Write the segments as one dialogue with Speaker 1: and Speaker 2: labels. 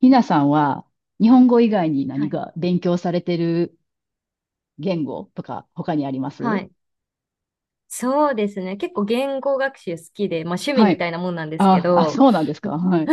Speaker 1: ひなさんは日本語以外に
Speaker 2: は
Speaker 1: 何
Speaker 2: い。
Speaker 1: か勉強されてる言語とか他にありま
Speaker 2: は
Speaker 1: す？
Speaker 2: い。そうですね。結構言語学習好きで、まあ趣味
Speaker 1: は
Speaker 2: み
Speaker 1: い。
Speaker 2: たいなもんなんですけ
Speaker 1: あ、あ、
Speaker 2: ど、
Speaker 1: そうなんですか。はい。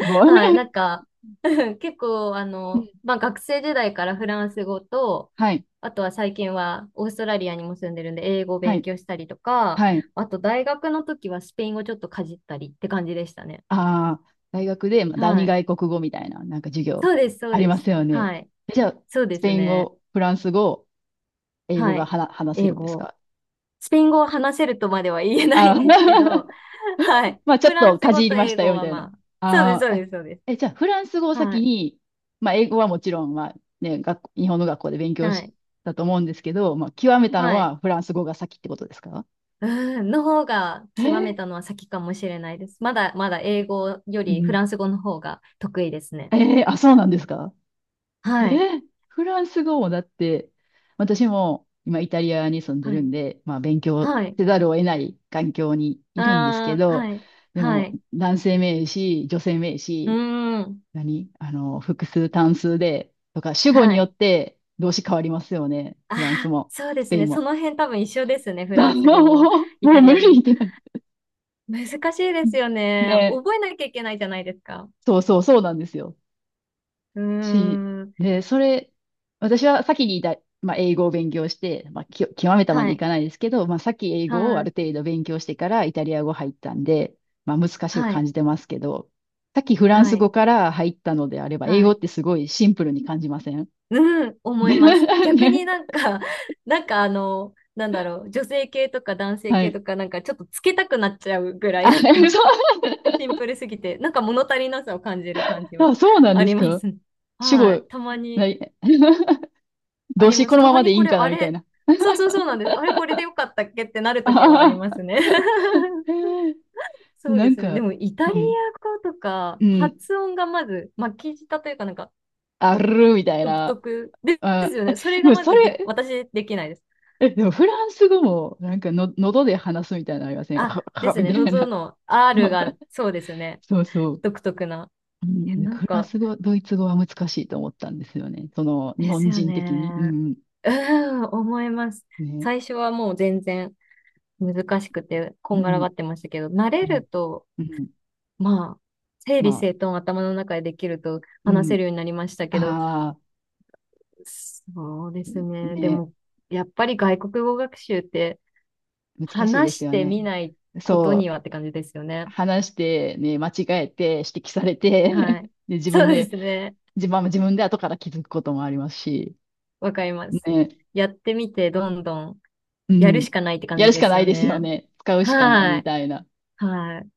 Speaker 1: すご い。
Speaker 2: はい。なん か、結構、
Speaker 1: うん。
Speaker 2: まあ学生時代からフランス語と、
Speaker 1: はい。
Speaker 2: あとは最近はオーストラリアにも住んでるんで、英語を
Speaker 1: は
Speaker 2: 勉
Speaker 1: い。
Speaker 2: 強したりとか、
Speaker 1: はい。
Speaker 2: あと大学の時はスペイン語ちょっとかじったりって感じでしたね。
Speaker 1: ああ、大学で、まあ、第
Speaker 2: は
Speaker 1: 二
Speaker 2: い。
Speaker 1: 外国語みたいな、なんか授業
Speaker 2: そうです、そ
Speaker 1: あ
Speaker 2: う
Speaker 1: り
Speaker 2: で
Speaker 1: ま
Speaker 2: す。
Speaker 1: すよね。
Speaker 2: はい。
Speaker 1: じゃあ、
Speaker 2: そう
Speaker 1: ス
Speaker 2: で
Speaker 1: ペ
Speaker 2: す
Speaker 1: イン
Speaker 2: ね。
Speaker 1: 語、フランス語、英語
Speaker 2: は
Speaker 1: が
Speaker 2: い。
Speaker 1: 話せ
Speaker 2: 英
Speaker 1: るんです
Speaker 2: 語。
Speaker 1: か？
Speaker 2: スペイン語を話せるとまでは言えない
Speaker 1: あ
Speaker 2: ん
Speaker 1: ー、
Speaker 2: ですけど、はい。
Speaker 1: まあちょ
Speaker 2: フ
Speaker 1: っ
Speaker 2: ラン
Speaker 1: と
Speaker 2: ス
Speaker 1: か
Speaker 2: 語
Speaker 1: じ
Speaker 2: と
Speaker 1: りまし
Speaker 2: 英
Speaker 1: た
Speaker 2: 語
Speaker 1: よ、み
Speaker 2: は
Speaker 1: たいな。
Speaker 2: まあ、そうです、
Speaker 1: あ
Speaker 2: そう
Speaker 1: あ、
Speaker 2: です、そうです。
Speaker 1: え、え、じゃあフランス語を
Speaker 2: は
Speaker 1: 先
Speaker 2: い。
Speaker 1: に、まあ英語はもちろん、まあね、学校、日本の学校で勉強
Speaker 2: は
Speaker 1: し
Speaker 2: い。
Speaker 1: たと思うんですけど、まあ極めたの
Speaker 2: はい。
Speaker 1: はフランス語が先ってことですか？
Speaker 2: うん、の方が
Speaker 1: え
Speaker 2: 極め
Speaker 1: ー、
Speaker 2: たのは先かもしれないです。まだまだ英語よ
Speaker 1: う
Speaker 2: りフ
Speaker 1: ん。
Speaker 2: ランス語の方が得意ですね。
Speaker 1: えー、あ、そうなんですか？えー、
Speaker 2: はい。
Speaker 1: フランス語もだって、私も今イタリアに住んで
Speaker 2: は
Speaker 1: る
Speaker 2: い。
Speaker 1: んで、まあ勉強
Speaker 2: はい。
Speaker 1: せざるを得ない環境に
Speaker 2: あ
Speaker 1: いるんですけ
Speaker 2: あ、
Speaker 1: ど、
Speaker 2: はい。
Speaker 1: で
Speaker 2: は
Speaker 1: も
Speaker 2: い。
Speaker 1: 男性名詞、女性名
Speaker 2: う
Speaker 1: 詞、
Speaker 2: ーん。
Speaker 1: 何複数単数で、とか、主語
Speaker 2: は
Speaker 1: によ
Speaker 2: い。
Speaker 1: って動詞変わりますよね。
Speaker 2: あ
Speaker 1: フランス
Speaker 2: あ、
Speaker 1: も、
Speaker 2: そうで
Speaker 1: ス
Speaker 2: す
Speaker 1: ペイ
Speaker 2: ね。
Speaker 1: ン
Speaker 2: そ
Speaker 1: も。
Speaker 2: の辺多分一緒ですね。フラ
Speaker 1: だも
Speaker 2: ン
Speaker 1: う、
Speaker 2: ス語も
Speaker 1: も
Speaker 2: イ
Speaker 1: う
Speaker 2: タリ
Speaker 1: 無
Speaker 2: ア語
Speaker 1: 理
Speaker 2: も。
Speaker 1: ってなる。
Speaker 2: 難しいですよね。
Speaker 1: ね、
Speaker 2: 覚えなきゃいけないじゃないですか。
Speaker 1: そうなんですよ。
Speaker 2: うー
Speaker 1: し、
Speaker 2: ん。
Speaker 1: で、それ、私は先にまあ、英語を勉強して、まあ、極めたま
Speaker 2: は
Speaker 1: でい
Speaker 2: い。
Speaker 1: かないですけど、まあ、先英語を
Speaker 2: は
Speaker 1: あ
Speaker 2: い。
Speaker 1: る程度勉強してからイタリア語入ったんで、まあ、難しく
Speaker 2: は
Speaker 1: 感
Speaker 2: い。
Speaker 1: じてますけど、さっきフラン
Speaker 2: は
Speaker 1: ス語
Speaker 2: い。
Speaker 1: から入ったのであれば、英
Speaker 2: は
Speaker 1: 語っ
Speaker 2: い。
Speaker 1: てすごいシンプルに感じません？
Speaker 2: うん。思い
Speaker 1: ね。
Speaker 2: ます。逆になんか、なんかなんだろう。女性系とか男性
Speaker 1: は
Speaker 2: 系
Speaker 1: い。
Speaker 2: とか、なんかちょっとつけたくなっちゃうぐら
Speaker 1: あ、
Speaker 2: い、なんか
Speaker 1: そ
Speaker 2: シンプルすぎて、なんか物足りなさを感じる感じ
Speaker 1: う、
Speaker 2: は
Speaker 1: あ、そうな ん
Speaker 2: あ
Speaker 1: で
Speaker 2: り
Speaker 1: す
Speaker 2: ま
Speaker 1: か？
Speaker 2: すね。
Speaker 1: 主
Speaker 2: は
Speaker 1: 語、
Speaker 2: い。たま
Speaker 1: な、
Speaker 2: にあ
Speaker 1: 動
Speaker 2: り
Speaker 1: 詞
Speaker 2: ま
Speaker 1: こ
Speaker 2: す。
Speaker 1: の
Speaker 2: た
Speaker 1: ま
Speaker 2: ま
Speaker 1: まで
Speaker 2: に
Speaker 1: いい
Speaker 2: こ
Speaker 1: ん
Speaker 2: れ、
Speaker 1: かな
Speaker 2: あ
Speaker 1: みたい
Speaker 2: れ、
Speaker 1: な。
Speaker 2: そうそうそうなんです。あれ、これでよかったっけってなる ときはあり
Speaker 1: ああ、
Speaker 2: ますね。そう
Speaker 1: な
Speaker 2: で
Speaker 1: ん
Speaker 2: すね。で
Speaker 1: か、
Speaker 2: も、イタリア
Speaker 1: うん、
Speaker 2: 語とか、
Speaker 1: うん、
Speaker 2: 発音がまず、巻き舌というか、なんか、
Speaker 1: あるみたい
Speaker 2: 独
Speaker 1: な。
Speaker 2: 特です
Speaker 1: あ、
Speaker 2: よ
Speaker 1: え、
Speaker 2: ね。それ
Speaker 1: で
Speaker 2: が
Speaker 1: も
Speaker 2: ま
Speaker 1: そ
Speaker 2: ず
Speaker 1: れ、
Speaker 2: で、私できないです。
Speaker 1: え、でもフランス語も、なんかの、喉で話すみたいなのありません？
Speaker 2: あ、です
Speaker 1: み
Speaker 2: ね。
Speaker 1: たい
Speaker 2: 喉
Speaker 1: な。
Speaker 2: の R が、そうですね。
Speaker 1: そう。
Speaker 2: 独特な。
Speaker 1: う
Speaker 2: え、
Speaker 1: ん、
Speaker 2: なん
Speaker 1: フラン
Speaker 2: か、
Speaker 1: ス語、ドイツ語は難しいと思ったんですよね。その、日
Speaker 2: です
Speaker 1: 本
Speaker 2: よ
Speaker 1: 人的に。う
Speaker 2: ね。
Speaker 1: ん、
Speaker 2: うーん、思います。
Speaker 1: ね。
Speaker 2: 最初はもう全然難しくて、こ
Speaker 1: う
Speaker 2: んがら
Speaker 1: ん、
Speaker 2: がってましたけど、慣れ
Speaker 1: うん、
Speaker 2: ると、
Speaker 1: うん。
Speaker 2: まあ、整
Speaker 1: ま
Speaker 2: 理
Speaker 1: あ、
Speaker 2: 整頓頭の中でできると
Speaker 1: う
Speaker 2: 話せ
Speaker 1: ん。
Speaker 2: るようになりましたけど、
Speaker 1: あ
Speaker 2: そうで
Speaker 1: あ、
Speaker 2: すね。で
Speaker 1: ね。
Speaker 2: も、やっぱり外国語学習って
Speaker 1: 難しいで
Speaker 2: 話
Speaker 1: す
Speaker 2: し
Speaker 1: よ
Speaker 2: て
Speaker 1: ね。
Speaker 2: みないこと
Speaker 1: そ
Speaker 2: に
Speaker 1: う、
Speaker 2: はって感じですよね。
Speaker 1: 話して、ね、間違えて、指摘され
Speaker 2: は
Speaker 1: て、
Speaker 2: い。
Speaker 1: で、自分
Speaker 2: そうで
Speaker 1: で、
Speaker 2: すね。
Speaker 1: 自分は自分で後から気づくこともありますし、
Speaker 2: わかります。
Speaker 1: ね、
Speaker 2: やってみて、どんどん
Speaker 1: う
Speaker 2: やるし
Speaker 1: ん、
Speaker 2: かないって感
Speaker 1: や
Speaker 2: じ
Speaker 1: るし
Speaker 2: で
Speaker 1: か
Speaker 2: す
Speaker 1: ない
Speaker 2: よ
Speaker 1: ですよ
Speaker 2: ね。
Speaker 1: ね。使うしかない
Speaker 2: は
Speaker 1: み
Speaker 2: い。
Speaker 1: たいな。
Speaker 2: はい。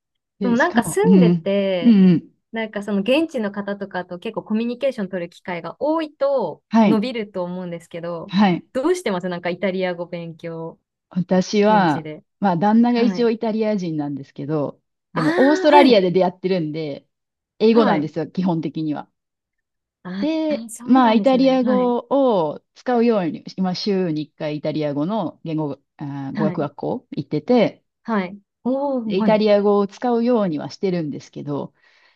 Speaker 2: でも
Speaker 1: で、し
Speaker 2: なん
Speaker 1: か
Speaker 2: か
Speaker 1: も、う
Speaker 2: 住んで
Speaker 1: ん、う
Speaker 2: て、
Speaker 1: ん、うん、
Speaker 2: なんかその現地の方とかと結構コミュニケーション取る機会が多いと
Speaker 1: は
Speaker 2: 伸
Speaker 1: い、
Speaker 2: びると思うんですけど、
Speaker 1: はい。
Speaker 2: どうしてますなんかイタリア語勉強、
Speaker 1: 私
Speaker 2: 現地
Speaker 1: は、
Speaker 2: で。
Speaker 1: まあ、旦那が
Speaker 2: は
Speaker 1: 一
Speaker 2: い。
Speaker 1: 応イタリア人なんですけど、
Speaker 2: あ
Speaker 1: でも、オース
Speaker 2: あ、
Speaker 1: トラ
Speaker 2: は
Speaker 1: リア
Speaker 2: い。
Speaker 1: で出会ってるんで、英語な
Speaker 2: は
Speaker 1: んで
Speaker 2: い。
Speaker 1: すよ、基本的には。
Speaker 2: あ
Speaker 1: で、
Speaker 2: あ、そう
Speaker 1: まあ、
Speaker 2: なん
Speaker 1: イ
Speaker 2: です
Speaker 1: タリ
Speaker 2: ね。
Speaker 1: ア
Speaker 2: はい。
Speaker 1: 語を使うように、今、週に1回イタリア語の言語、あー、語
Speaker 2: は
Speaker 1: 学
Speaker 2: い。
Speaker 1: 学校行ってて、
Speaker 2: はい。おー、
Speaker 1: でイ
Speaker 2: は
Speaker 1: タ
Speaker 2: い。
Speaker 1: リア語を使うようにはしてるんですけど、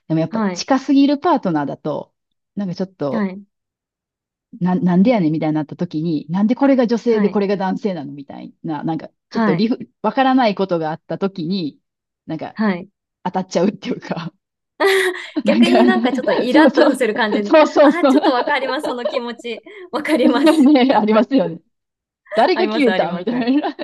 Speaker 1: でもやっぱ
Speaker 2: はい。
Speaker 1: 近すぎるパートナーだと、なんかちょっ
Speaker 2: は
Speaker 1: と、
Speaker 2: い。
Speaker 1: なんでやねんみたいになった時に、なんでこれが女性
Speaker 2: は
Speaker 1: でこ
Speaker 2: い。
Speaker 1: れが男性なのみたいな、なんかちょっと
Speaker 2: はい。
Speaker 1: わからないことがあった時に、なんか
Speaker 2: はい。
Speaker 1: 当たっちゃうっていうか、なん
Speaker 2: 逆
Speaker 1: か、
Speaker 2: になんかちょっとイ
Speaker 1: そう
Speaker 2: ラッ
Speaker 1: そ
Speaker 2: と
Speaker 1: う、
Speaker 2: する感じの。
Speaker 1: そうそう
Speaker 2: あ、
Speaker 1: そう、
Speaker 2: ちょっとわかります、その気持ち。わか ります。
Speaker 1: ね、ありますよね。誰
Speaker 2: あ
Speaker 1: が
Speaker 2: りま
Speaker 1: 消
Speaker 2: す、
Speaker 1: え
Speaker 2: あり
Speaker 1: たみ
Speaker 2: ま
Speaker 1: た
Speaker 2: す。
Speaker 1: いな。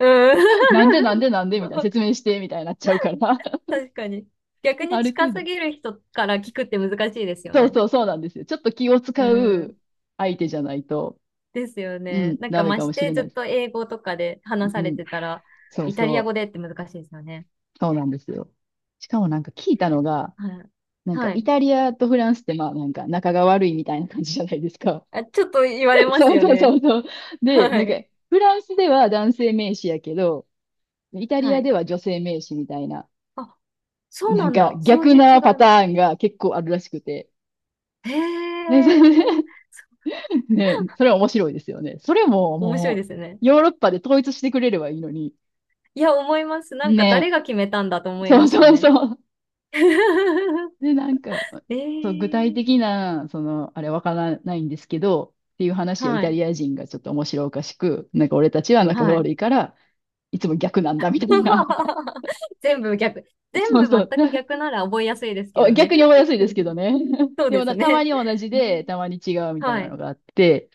Speaker 2: う
Speaker 1: なんで
Speaker 2: ん。
Speaker 1: なんでなんでみたいな。説 明してみたいになっちゃうから。
Speaker 2: 確かに。逆に
Speaker 1: ある
Speaker 2: 近
Speaker 1: 程度。
Speaker 2: すぎる人から聞くって難しいですよ
Speaker 1: そう
Speaker 2: ね。
Speaker 1: そうそうなんですよ。ちょっと気を
Speaker 2: う
Speaker 1: 使う
Speaker 2: ん。
Speaker 1: 相手じゃないと、
Speaker 2: ですよ
Speaker 1: う
Speaker 2: ね。
Speaker 1: ん、
Speaker 2: なんか
Speaker 1: ダメ
Speaker 2: ま
Speaker 1: か
Speaker 2: し
Speaker 1: もし
Speaker 2: て
Speaker 1: れ
Speaker 2: ず
Speaker 1: な
Speaker 2: っ
Speaker 1: いです。
Speaker 2: と英語とかで話
Speaker 1: う
Speaker 2: され
Speaker 1: ん、
Speaker 2: てたら、
Speaker 1: そう
Speaker 2: イタリ
Speaker 1: そ
Speaker 2: ア
Speaker 1: う。
Speaker 2: 語でって難しいですよね。
Speaker 1: そうなんですよ。しかもなんか聞いたのが、
Speaker 2: はい。
Speaker 1: なんか
Speaker 2: は
Speaker 1: イ
Speaker 2: い。
Speaker 1: タリアとフランスってまあなんか仲が悪いみたいな感じじゃないですか。
Speaker 2: あ、ちょっと言われ ます
Speaker 1: そう
Speaker 2: よ
Speaker 1: そう
Speaker 2: ね。
Speaker 1: そうそう。で、
Speaker 2: は
Speaker 1: なんか
Speaker 2: い。
Speaker 1: フランスでは男性名詞やけど、イタリ
Speaker 2: は
Speaker 1: ア
Speaker 2: い。
Speaker 1: では女性名詞みたいな、
Speaker 2: あ、そう
Speaker 1: な
Speaker 2: な
Speaker 1: ん
Speaker 2: ん
Speaker 1: か
Speaker 2: だ。そう
Speaker 1: 逆
Speaker 2: いう違
Speaker 1: な
Speaker 2: い
Speaker 1: パ
Speaker 2: も。
Speaker 1: ターンが結構あるらしくて。ね、それ、
Speaker 2: へえ。
Speaker 1: ね、それは面白いですよね。それも
Speaker 2: 面白い
Speaker 1: も
Speaker 2: で
Speaker 1: う、
Speaker 2: すよね。
Speaker 1: ヨーロッパで統一してくれればいいのに。
Speaker 2: いや、思います。なんか
Speaker 1: ね、
Speaker 2: 誰が決めたんだと思い
Speaker 1: そ
Speaker 2: ま
Speaker 1: う
Speaker 2: すよ
Speaker 1: そう
Speaker 2: ね。
Speaker 1: そう。で、
Speaker 2: え
Speaker 1: そう、具体
Speaker 2: ー、
Speaker 1: 的な、その、あれわからないんですけど、っていう話をイ
Speaker 2: は
Speaker 1: タ
Speaker 2: い、
Speaker 1: リア人がちょっと面白おかしく、なんか俺たちは仲が
Speaker 2: はい。
Speaker 1: 悪いから、いつも逆なんだみたいな。
Speaker 2: 全部逆。全
Speaker 1: そう
Speaker 2: 部
Speaker 1: そう。
Speaker 2: 全く逆なら覚えやすいですけ
Speaker 1: お
Speaker 2: どね。
Speaker 1: 逆に覚えやすいですけど ね。
Speaker 2: そう
Speaker 1: で
Speaker 2: で
Speaker 1: も
Speaker 2: す
Speaker 1: な、たま
Speaker 2: ね。
Speaker 1: に同じ
Speaker 2: え
Speaker 1: で、
Speaker 2: ー、
Speaker 1: たまに違うみたい
Speaker 2: は
Speaker 1: なの
Speaker 2: い。
Speaker 1: があって、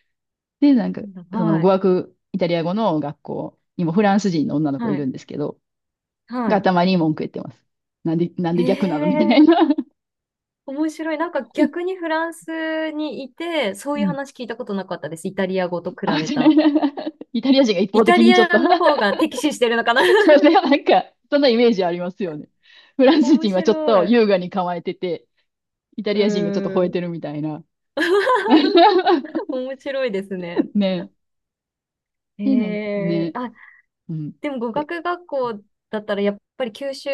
Speaker 1: で、なん
Speaker 2: な
Speaker 1: か、
Speaker 2: んだ、
Speaker 1: その
Speaker 2: は
Speaker 1: 語
Speaker 2: い。
Speaker 1: 学、イタリア語の学校にもフランス人の女の子い
Speaker 2: は
Speaker 1: る
Speaker 2: い。
Speaker 1: んですけど、
Speaker 2: は
Speaker 1: が
Speaker 2: い。
Speaker 1: たまに文句言ってます。なんで、なん
Speaker 2: え
Speaker 1: で逆なのみたいな。
Speaker 2: ー、面白い。なんか逆にフランスにいて、そう
Speaker 1: う
Speaker 2: いう
Speaker 1: ん。
Speaker 2: 話聞いたことなかったです。イタリア語と比
Speaker 1: あ、
Speaker 2: べ
Speaker 1: 違
Speaker 2: た。
Speaker 1: う、イタリア人が一
Speaker 2: イ
Speaker 1: 方
Speaker 2: タ
Speaker 1: 的に
Speaker 2: リ
Speaker 1: ちょっと、
Speaker 2: アの方が敵視してるのかな
Speaker 1: ね、なんか、そんなイメージありますよね。フラ ンス
Speaker 2: 面
Speaker 1: 人はちょっと
Speaker 2: 白い。
Speaker 1: 優雅に構えてて、イタ
Speaker 2: う
Speaker 1: リア人がちょっと吠
Speaker 2: ー
Speaker 1: え
Speaker 2: ん。
Speaker 1: てるみたいな。
Speaker 2: 面白いですね。
Speaker 1: ね。
Speaker 2: へ
Speaker 1: で、なんか
Speaker 2: え。
Speaker 1: ね、
Speaker 2: あ、
Speaker 1: うん。
Speaker 2: でも語学学校だったらやっぱり吸収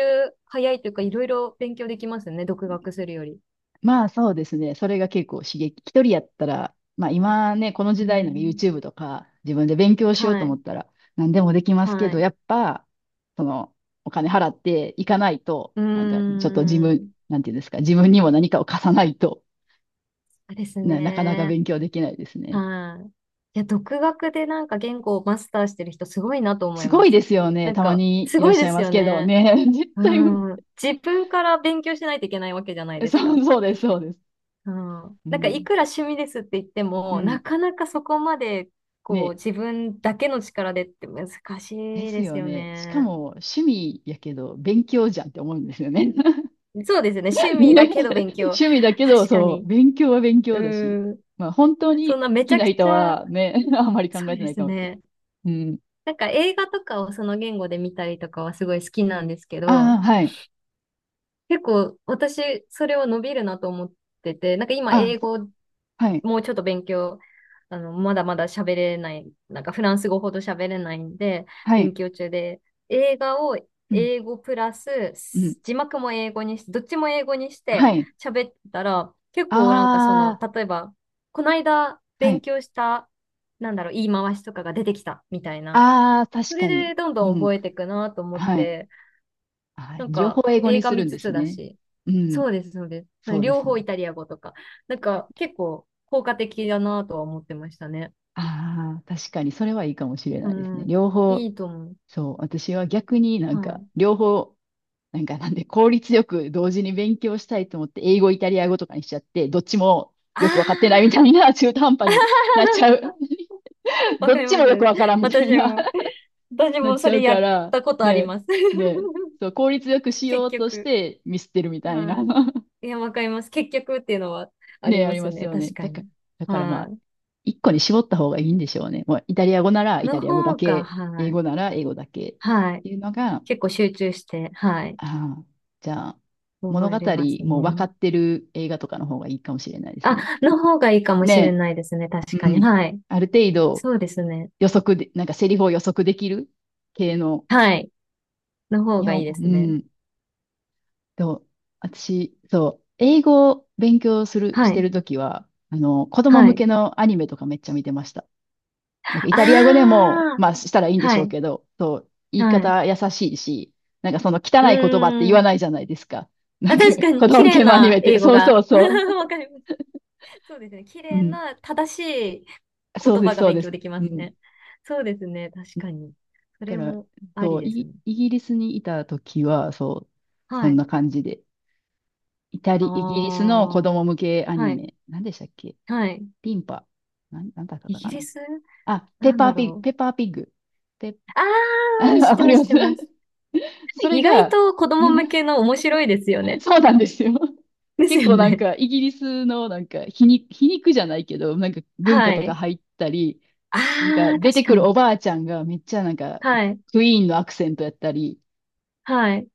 Speaker 2: 早いというかいろいろ勉強できますね。独学するより。
Speaker 1: まあそうですね。それが結構刺激。一人やったら、まあ今ね、この時
Speaker 2: う
Speaker 1: 代の
Speaker 2: ん。
Speaker 1: YouTube とか自分で勉強しよう
Speaker 2: は
Speaker 1: と思
Speaker 2: い。
Speaker 1: ったら何でもできますけ
Speaker 2: は
Speaker 1: ど、
Speaker 2: い。
Speaker 1: やっぱ、そのお金払っていかないと、
Speaker 2: う
Speaker 1: なんかちょっと自
Speaker 2: ー
Speaker 1: 分、
Speaker 2: ん。
Speaker 1: なんていうんですか、自分にも何かを貸さないと、
Speaker 2: そうです
Speaker 1: なかなか
Speaker 2: ね。
Speaker 1: 勉強できないですね。
Speaker 2: はい。いや、独学でなんか言語をマスターしてる人すごいなと思
Speaker 1: す
Speaker 2: い
Speaker 1: ご
Speaker 2: ま
Speaker 1: い
Speaker 2: す。
Speaker 1: ですよ
Speaker 2: な
Speaker 1: ね。
Speaker 2: ん
Speaker 1: たま
Speaker 2: か、
Speaker 1: に
Speaker 2: す
Speaker 1: いら
Speaker 2: ご
Speaker 1: っ
Speaker 2: い
Speaker 1: し
Speaker 2: で
Speaker 1: ゃい
Speaker 2: す
Speaker 1: ます
Speaker 2: よ
Speaker 1: けど
Speaker 2: ね。
Speaker 1: ね。絶
Speaker 2: う
Speaker 1: 対無
Speaker 2: ん。自分から勉強しないといけないわけじゃない
Speaker 1: 理、
Speaker 2: です
Speaker 1: そ
Speaker 2: か。
Speaker 1: う、そうです、そうです。
Speaker 2: うん、
Speaker 1: う
Speaker 2: なんかい
Speaker 1: ん。
Speaker 2: くら趣味ですって言って
Speaker 1: う
Speaker 2: も、
Speaker 1: ん。
Speaker 2: なかなかそこまでこう
Speaker 1: ね。
Speaker 2: 自分だけの力でって難
Speaker 1: で
Speaker 2: しい
Speaker 1: す
Speaker 2: です
Speaker 1: よ
Speaker 2: よ
Speaker 1: ね。しか
Speaker 2: ね。
Speaker 1: も趣味やけど勉強じゃんって思うんですよね。
Speaker 2: そうですよね。趣味だけど勉 強。
Speaker 1: 趣味だけど、
Speaker 2: 確か
Speaker 1: そう、
Speaker 2: に。
Speaker 1: 勉強は勉
Speaker 2: う
Speaker 1: 強だし。
Speaker 2: ん。
Speaker 1: まあ、本当
Speaker 2: そ
Speaker 1: に
Speaker 2: ん
Speaker 1: 好
Speaker 2: なめち
Speaker 1: き
Speaker 2: ゃ
Speaker 1: な
Speaker 2: く
Speaker 1: 人
Speaker 2: ちゃ、
Speaker 1: はね、あんまり考
Speaker 2: そう
Speaker 1: えて
Speaker 2: で
Speaker 1: ない
Speaker 2: す
Speaker 1: かもけど。
Speaker 2: ね。
Speaker 1: うん。
Speaker 2: なんか映画とかをその言語で見たりとかはすごい好きなんですけ
Speaker 1: あ
Speaker 2: ど、
Speaker 1: あ、はい。
Speaker 2: 結構私それは伸びるなと思ってて、なんか今
Speaker 1: あ、
Speaker 2: 英語
Speaker 1: はい。
Speaker 2: もうちょっと勉強、あの、まだまだ喋れない、なんかフランス語ほど喋れないんで、
Speaker 1: は
Speaker 2: 勉
Speaker 1: い。
Speaker 2: 強中で、映画を
Speaker 1: うん。
Speaker 2: 英語プラ
Speaker 1: うん。
Speaker 2: ス、字幕も英語にして、どっちも英語にして
Speaker 1: はい。
Speaker 2: 喋ったら、結構なんかそ
Speaker 1: あ
Speaker 2: の、
Speaker 1: あ、
Speaker 2: 例えば、この間
Speaker 1: は
Speaker 2: 勉
Speaker 1: い。
Speaker 2: 強した、なんだろう、言い回しとかが出てきたみたいな、
Speaker 1: ああ、確
Speaker 2: それ
Speaker 1: かに。
Speaker 2: でどん
Speaker 1: う
Speaker 2: どん
Speaker 1: ん。
Speaker 2: 覚えていくなと思っ
Speaker 1: はい。
Speaker 2: て、
Speaker 1: あ、
Speaker 2: なん
Speaker 1: 情報
Speaker 2: か、
Speaker 1: を英語に
Speaker 2: 映画
Speaker 1: する
Speaker 2: 見
Speaker 1: ん
Speaker 2: つ
Speaker 1: です
Speaker 2: つだ
Speaker 1: ね。
Speaker 2: し。
Speaker 1: うん。
Speaker 2: そうです、そうで
Speaker 1: そ
Speaker 2: す。
Speaker 1: うで
Speaker 2: 両
Speaker 1: すね。
Speaker 2: 方イタリア語とか。なんか、結構効果的だなとは思ってましたね。
Speaker 1: ああ、確かに、それはいいかもしれ
Speaker 2: う
Speaker 1: ないですね。
Speaker 2: ん。
Speaker 1: 両
Speaker 2: い
Speaker 1: 方、
Speaker 2: いと思う。
Speaker 1: そう、私は逆になん
Speaker 2: は
Speaker 1: か、
Speaker 2: い。
Speaker 1: 両方なんかなんで効率よく同時に勉強したいと思って英語、イタリア語とかにしちゃって、どっちも
Speaker 2: あ
Speaker 1: よくわかってないみたい
Speaker 2: あ、
Speaker 1: な中途半端になっちゃ う。
Speaker 2: わ
Speaker 1: ど
Speaker 2: か
Speaker 1: っ
Speaker 2: り
Speaker 1: ち
Speaker 2: ま
Speaker 1: もよく
Speaker 2: す。
Speaker 1: わからんみたい
Speaker 2: 私
Speaker 1: な。
Speaker 2: も。私
Speaker 1: なっ
Speaker 2: も
Speaker 1: ち
Speaker 2: そ
Speaker 1: ゃ
Speaker 2: れ
Speaker 1: う
Speaker 2: や
Speaker 1: か
Speaker 2: っ
Speaker 1: ら、
Speaker 2: たことあり
Speaker 1: ね、
Speaker 2: ます。
Speaker 1: ね、そう、効率よくし
Speaker 2: 結
Speaker 1: ようとし
Speaker 2: 局。
Speaker 1: てミスってるみたいな。
Speaker 2: は い。いや、わかります。結局っていうのはあり
Speaker 1: ね、あ
Speaker 2: ま
Speaker 1: り
Speaker 2: す
Speaker 1: ます
Speaker 2: ね。
Speaker 1: よね。
Speaker 2: 確か
Speaker 1: だから、
Speaker 2: に。
Speaker 1: だからま
Speaker 2: は
Speaker 1: あ、一個に絞った方がいいんでしょうね。もうイタリア語なら
Speaker 2: い。
Speaker 1: イタ
Speaker 2: の
Speaker 1: リア語だ
Speaker 2: 方が、
Speaker 1: け、
Speaker 2: は
Speaker 1: 英
Speaker 2: い。
Speaker 1: 語なら英語だけっ
Speaker 2: はい。
Speaker 1: ていうのが、
Speaker 2: 結構集中して、はい。
Speaker 1: ああ、じゃあ、物
Speaker 2: 覚
Speaker 1: 語
Speaker 2: えれます
Speaker 1: も分か
Speaker 2: ね。
Speaker 1: ってる映画とかの方がいいかもしれないです
Speaker 2: あ、
Speaker 1: ね。
Speaker 2: の方がいいかもしれ
Speaker 1: ね
Speaker 2: ないですね。
Speaker 1: え、
Speaker 2: 確か
Speaker 1: う
Speaker 2: に。
Speaker 1: ん。
Speaker 2: はい。
Speaker 1: ある程度
Speaker 2: そうですね。
Speaker 1: 予測で、なんかセリフを予測できる系の。
Speaker 2: はい。の方
Speaker 1: 日
Speaker 2: がい
Speaker 1: 本、
Speaker 2: いで
Speaker 1: う
Speaker 2: すね。
Speaker 1: ん。と、私、そう、英語を勉強する、
Speaker 2: は
Speaker 1: して
Speaker 2: い。
Speaker 1: るときは、あの、子供
Speaker 2: は
Speaker 1: 向
Speaker 2: い。
Speaker 1: けのアニメとかめっちゃ見てました。なんかイタリア語で
Speaker 2: あ
Speaker 1: も、
Speaker 2: あ、
Speaker 1: まあしたらいいんで
Speaker 2: は
Speaker 1: しょう
Speaker 2: い。
Speaker 1: けど、そう、言い
Speaker 2: はい。
Speaker 1: 方優しいし、なんかその汚
Speaker 2: う
Speaker 1: い言葉って
Speaker 2: ー
Speaker 1: 言わ
Speaker 2: ん。
Speaker 1: ないじゃないですか。な
Speaker 2: あ、
Speaker 1: んか
Speaker 2: 確か
Speaker 1: 子
Speaker 2: に、綺
Speaker 1: 供向
Speaker 2: 麗
Speaker 1: けのアニメ
Speaker 2: な
Speaker 1: って、
Speaker 2: 英語
Speaker 1: そうそ
Speaker 2: が。
Speaker 1: うそう。
Speaker 2: わかります。そうですね。綺
Speaker 1: う
Speaker 2: 麗
Speaker 1: ん。
Speaker 2: な、正しい言
Speaker 1: そうで
Speaker 2: 葉
Speaker 1: す、
Speaker 2: が
Speaker 1: そう
Speaker 2: 勉
Speaker 1: です。
Speaker 2: 強できま
Speaker 1: う
Speaker 2: す
Speaker 1: ん。
Speaker 2: ね。そうですね。確
Speaker 1: だ
Speaker 2: かに。そ
Speaker 1: か
Speaker 2: れ
Speaker 1: ら、
Speaker 2: もあ
Speaker 1: そ
Speaker 2: り
Speaker 1: う、
Speaker 2: ですね。
Speaker 1: イギリスにいた時は、そう、そ
Speaker 2: は
Speaker 1: ん
Speaker 2: い。
Speaker 1: な感じで。
Speaker 2: あ
Speaker 1: イギリスの子
Speaker 2: あ、
Speaker 1: 供向けア
Speaker 2: は
Speaker 1: ニ
Speaker 2: い。
Speaker 1: メ、何でしたっけ？
Speaker 2: はい。
Speaker 1: ピンパ。なんだった
Speaker 2: イ
Speaker 1: か
Speaker 2: ギリ
Speaker 1: な。
Speaker 2: ス
Speaker 1: あ、ペッ
Speaker 2: なん
Speaker 1: パ
Speaker 2: だ
Speaker 1: ーピッグ、
Speaker 2: ろ
Speaker 1: ペ
Speaker 2: う。
Speaker 1: ッパーピッグ。ペッ、
Speaker 2: あ あ、
Speaker 1: あ、
Speaker 2: 知っ
Speaker 1: わ
Speaker 2: て
Speaker 1: か
Speaker 2: ま
Speaker 1: り
Speaker 2: す、知
Speaker 1: ま
Speaker 2: っ
Speaker 1: す。
Speaker 2: てます。
Speaker 1: それ
Speaker 2: 意外
Speaker 1: が、
Speaker 2: と子供向け の面白いですよ ね。
Speaker 1: そうなんですよ。
Speaker 2: です
Speaker 1: 結
Speaker 2: よ
Speaker 1: 構なん
Speaker 2: ね。
Speaker 1: かイギリスのなんか皮肉じゃないけど、なんか文化
Speaker 2: は
Speaker 1: とか
Speaker 2: い。
Speaker 1: 入ったり、なんか
Speaker 2: ああ、
Speaker 1: 出て
Speaker 2: 確か
Speaker 1: くるお
Speaker 2: に。
Speaker 1: ばあちゃんがめっちゃなんか
Speaker 2: はい。
Speaker 1: クイーンのアクセントやったり、
Speaker 2: はい。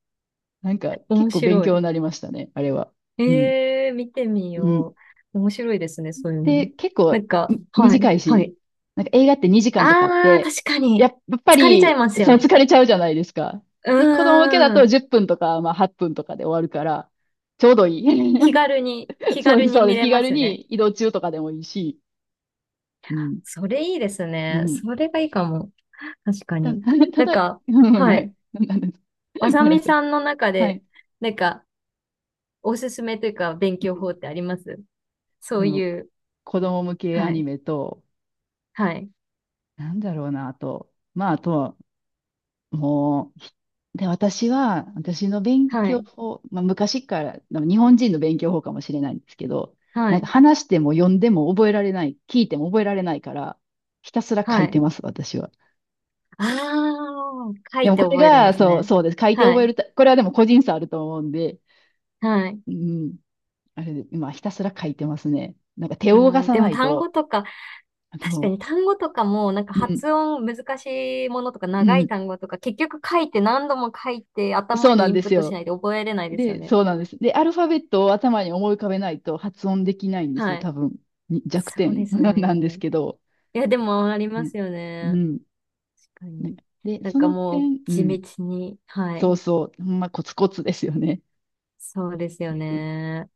Speaker 1: なんか
Speaker 2: 面
Speaker 1: 結構勉
Speaker 2: 白
Speaker 1: 強
Speaker 2: い。
Speaker 1: になりましたね、あれは。うん。
Speaker 2: ええー、見てみ
Speaker 1: うん。
Speaker 2: よう。面白いですね、そういうの
Speaker 1: で、
Speaker 2: も。
Speaker 1: 結
Speaker 2: な
Speaker 1: 構
Speaker 2: んか、はい。
Speaker 1: 短い
Speaker 2: は
Speaker 1: し、
Speaker 2: い。
Speaker 1: なんか映画って2時間とかあっ
Speaker 2: ああ、
Speaker 1: て、
Speaker 2: 確かに。
Speaker 1: やっぱ
Speaker 2: 疲れちゃい
Speaker 1: り
Speaker 2: ます
Speaker 1: そ
Speaker 2: よ
Speaker 1: の
Speaker 2: ね。
Speaker 1: 疲れちゃうじゃないですか。
Speaker 2: う
Speaker 1: で、子供向けだ
Speaker 2: ー
Speaker 1: と
Speaker 2: ん。
Speaker 1: 10分とか、まあ8分とかで終わるから、ちょうどいい。
Speaker 2: 気 軽に、気
Speaker 1: そう
Speaker 2: 軽
Speaker 1: です、
Speaker 2: に
Speaker 1: そうで
Speaker 2: 見
Speaker 1: す。
Speaker 2: れ
Speaker 1: 気
Speaker 2: ま
Speaker 1: 軽
Speaker 2: すね。
Speaker 1: に移動中とかでもいいし。うん。
Speaker 2: それいいです
Speaker 1: う
Speaker 2: ね。
Speaker 1: ん。
Speaker 2: それがいいかも。確か
Speaker 1: た、
Speaker 2: に。
Speaker 1: た
Speaker 2: なん
Speaker 1: だ、
Speaker 2: か、
Speaker 1: うん、
Speaker 2: は
Speaker 1: は
Speaker 2: い。
Speaker 1: い。なんです。
Speaker 2: わ
Speaker 1: ご
Speaker 2: さ
Speaker 1: めんな
Speaker 2: み
Speaker 1: さい。
Speaker 2: さんの中
Speaker 1: は
Speaker 2: で、
Speaker 1: い。
Speaker 2: なんか、おすすめというか、勉強法ってありますそ
Speaker 1: そ
Speaker 2: う
Speaker 1: の、
Speaker 2: いう、
Speaker 1: 子供向け
Speaker 2: は
Speaker 1: アニ
Speaker 2: い、
Speaker 1: メと、
Speaker 2: はい、
Speaker 1: なんだろうな、あと、まあ、あとは、もう、で、私は、私の勉
Speaker 2: は
Speaker 1: 強
Speaker 2: い、
Speaker 1: 法、まあ、昔から、でも日本人の勉強法かもしれないんですけど、
Speaker 2: は
Speaker 1: なんか
Speaker 2: い、
Speaker 1: 話しても読んでも覚えられない、聞いても覚えられないから、ひたすら書
Speaker 2: は
Speaker 1: いて
Speaker 2: い。
Speaker 1: ます、私は。
Speaker 2: ああ、書
Speaker 1: で
Speaker 2: い
Speaker 1: も
Speaker 2: て
Speaker 1: これ
Speaker 2: 覚えるんで
Speaker 1: が、
Speaker 2: す
Speaker 1: そう、
Speaker 2: ね。
Speaker 1: そうです。書いて
Speaker 2: は
Speaker 1: 覚え
Speaker 2: い、
Speaker 1: るた、これはでも個人差あると思うんで、
Speaker 2: はい。
Speaker 1: うん、あれで、今ひたすら書いてますね。なんか手を
Speaker 2: あ
Speaker 1: 動か
Speaker 2: ー
Speaker 1: さ
Speaker 2: で
Speaker 1: な
Speaker 2: も
Speaker 1: い
Speaker 2: 単語
Speaker 1: と、
Speaker 2: とか、
Speaker 1: あ
Speaker 2: 確か
Speaker 1: の、
Speaker 2: に単語とかも、なんか
Speaker 1: うん、
Speaker 2: 発音難しいものとか
Speaker 1: う
Speaker 2: 長い
Speaker 1: ん、
Speaker 2: 単語とか、結局書いて何度も書いて
Speaker 1: そ
Speaker 2: 頭
Speaker 1: うな
Speaker 2: にイ
Speaker 1: ん
Speaker 2: ン
Speaker 1: で
Speaker 2: プッ
Speaker 1: す
Speaker 2: トし
Speaker 1: よ。
Speaker 2: ないで覚えれないですよ
Speaker 1: で、
Speaker 2: ね。
Speaker 1: そうなんです。で、アルファベットを頭に思い浮かべないと発音できないんです
Speaker 2: は
Speaker 1: よ、
Speaker 2: い。
Speaker 1: 多分。に弱
Speaker 2: そうで
Speaker 1: 点
Speaker 2: す
Speaker 1: なんです
Speaker 2: ね。
Speaker 1: けど。
Speaker 2: いや、でもあり
Speaker 1: う
Speaker 2: ま
Speaker 1: ん。
Speaker 2: すよ
Speaker 1: う
Speaker 2: ね。
Speaker 1: ん。
Speaker 2: 確か
Speaker 1: なん
Speaker 2: に。
Speaker 1: かで、
Speaker 2: なん
Speaker 1: そ
Speaker 2: か
Speaker 1: の
Speaker 2: もう
Speaker 1: 点、う
Speaker 2: 地
Speaker 1: ん。
Speaker 2: 道に、は
Speaker 1: そ
Speaker 2: い。
Speaker 1: うそう。ほんまコツコツですよね。
Speaker 2: そうですよ
Speaker 1: うん。
Speaker 2: ね。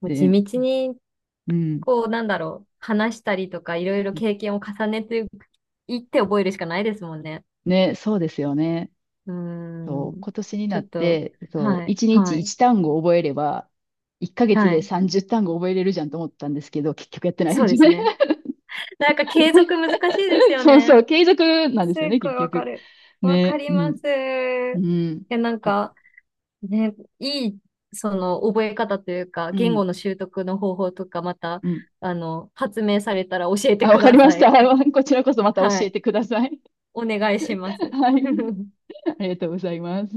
Speaker 2: もう地
Speaker 1: で、
Speaker 2: 道に、
Speaker 1: うん。
Speaker 2: こう、なんだろう、話したりとか、いろいろ経験を重ねていって覚えるしかないですもんね。
Speaker 1: ね、そうですよね。
Speaker 2: うー
Speaker 1: そう、
Speaker 2: ん。
Speaker 1: 今年に
Speaker 2: ち
Speaker 1: な
Speaker 2: ょ
Speaker 1: っ
Speaker 2: っと、
Speaker 1: て、そう、
Speaker 2: はい、
Speaker 1: 1
Speaker 2: は
Speaker 1: 日
Speaker 2: い、
Speaker 1: 1単語覚えれば、1ヶ月
Speaker 2: は
Speaker 1: で
Speaker 2: い。
Speaker 1: 30単語覚えれるじゃんと思ったんですけど、結局やってない
Speaker 2: そ
Speaker 1: で
Speaker 2: う
Speaker 1: す
Speaker 2: です
Speaker 1: ね。
Speaker 2: ね。なんか継続難しいです よ
Speaker 1: そうそ
Speaker 2: ね。
Speaker 1: う、継続なんで
Speaker 2: す
Speaker 1: すよ
Speaker 2: っ
Speaker 1: ね、
Speaker 2: ごい
Speaker 1: 結
Speaker 2: わか
Speaker 1: 局。
Speaker 2: る。わか
Speaker 1: ね、
Speaker 2: り
Speaker 1: う
Speaker 2: ま
Speaker 1: ん、
Speaker 2: す。い
Speaker 1: うん、
Speaker 2: や、なんか、ね、いい、その、覚え方というか、
Speaker 1: う
Speaker 2: 言
Speaker 1: ん、
Speaker 2: 語の習得の方法とか、また、
Speaker 1: うん。
Speaker 2: あの、発明されたら教えて
Speaker 1: あ、わ
Speaker 2: く
Speaker 1: かり
Speaker 2: だ
Speaker 1: まし
Speaker 2: さ
Speaker 1: た。
Speaker 2: い。
Speaker 1: こち らこそまた
Speaker 2: は
Speaker 1: 教え
Speaker 2: い。
Speaker 1: てください。
Speaker 2: お願いしま す。
Speaker 1: はい。ありがとうございます。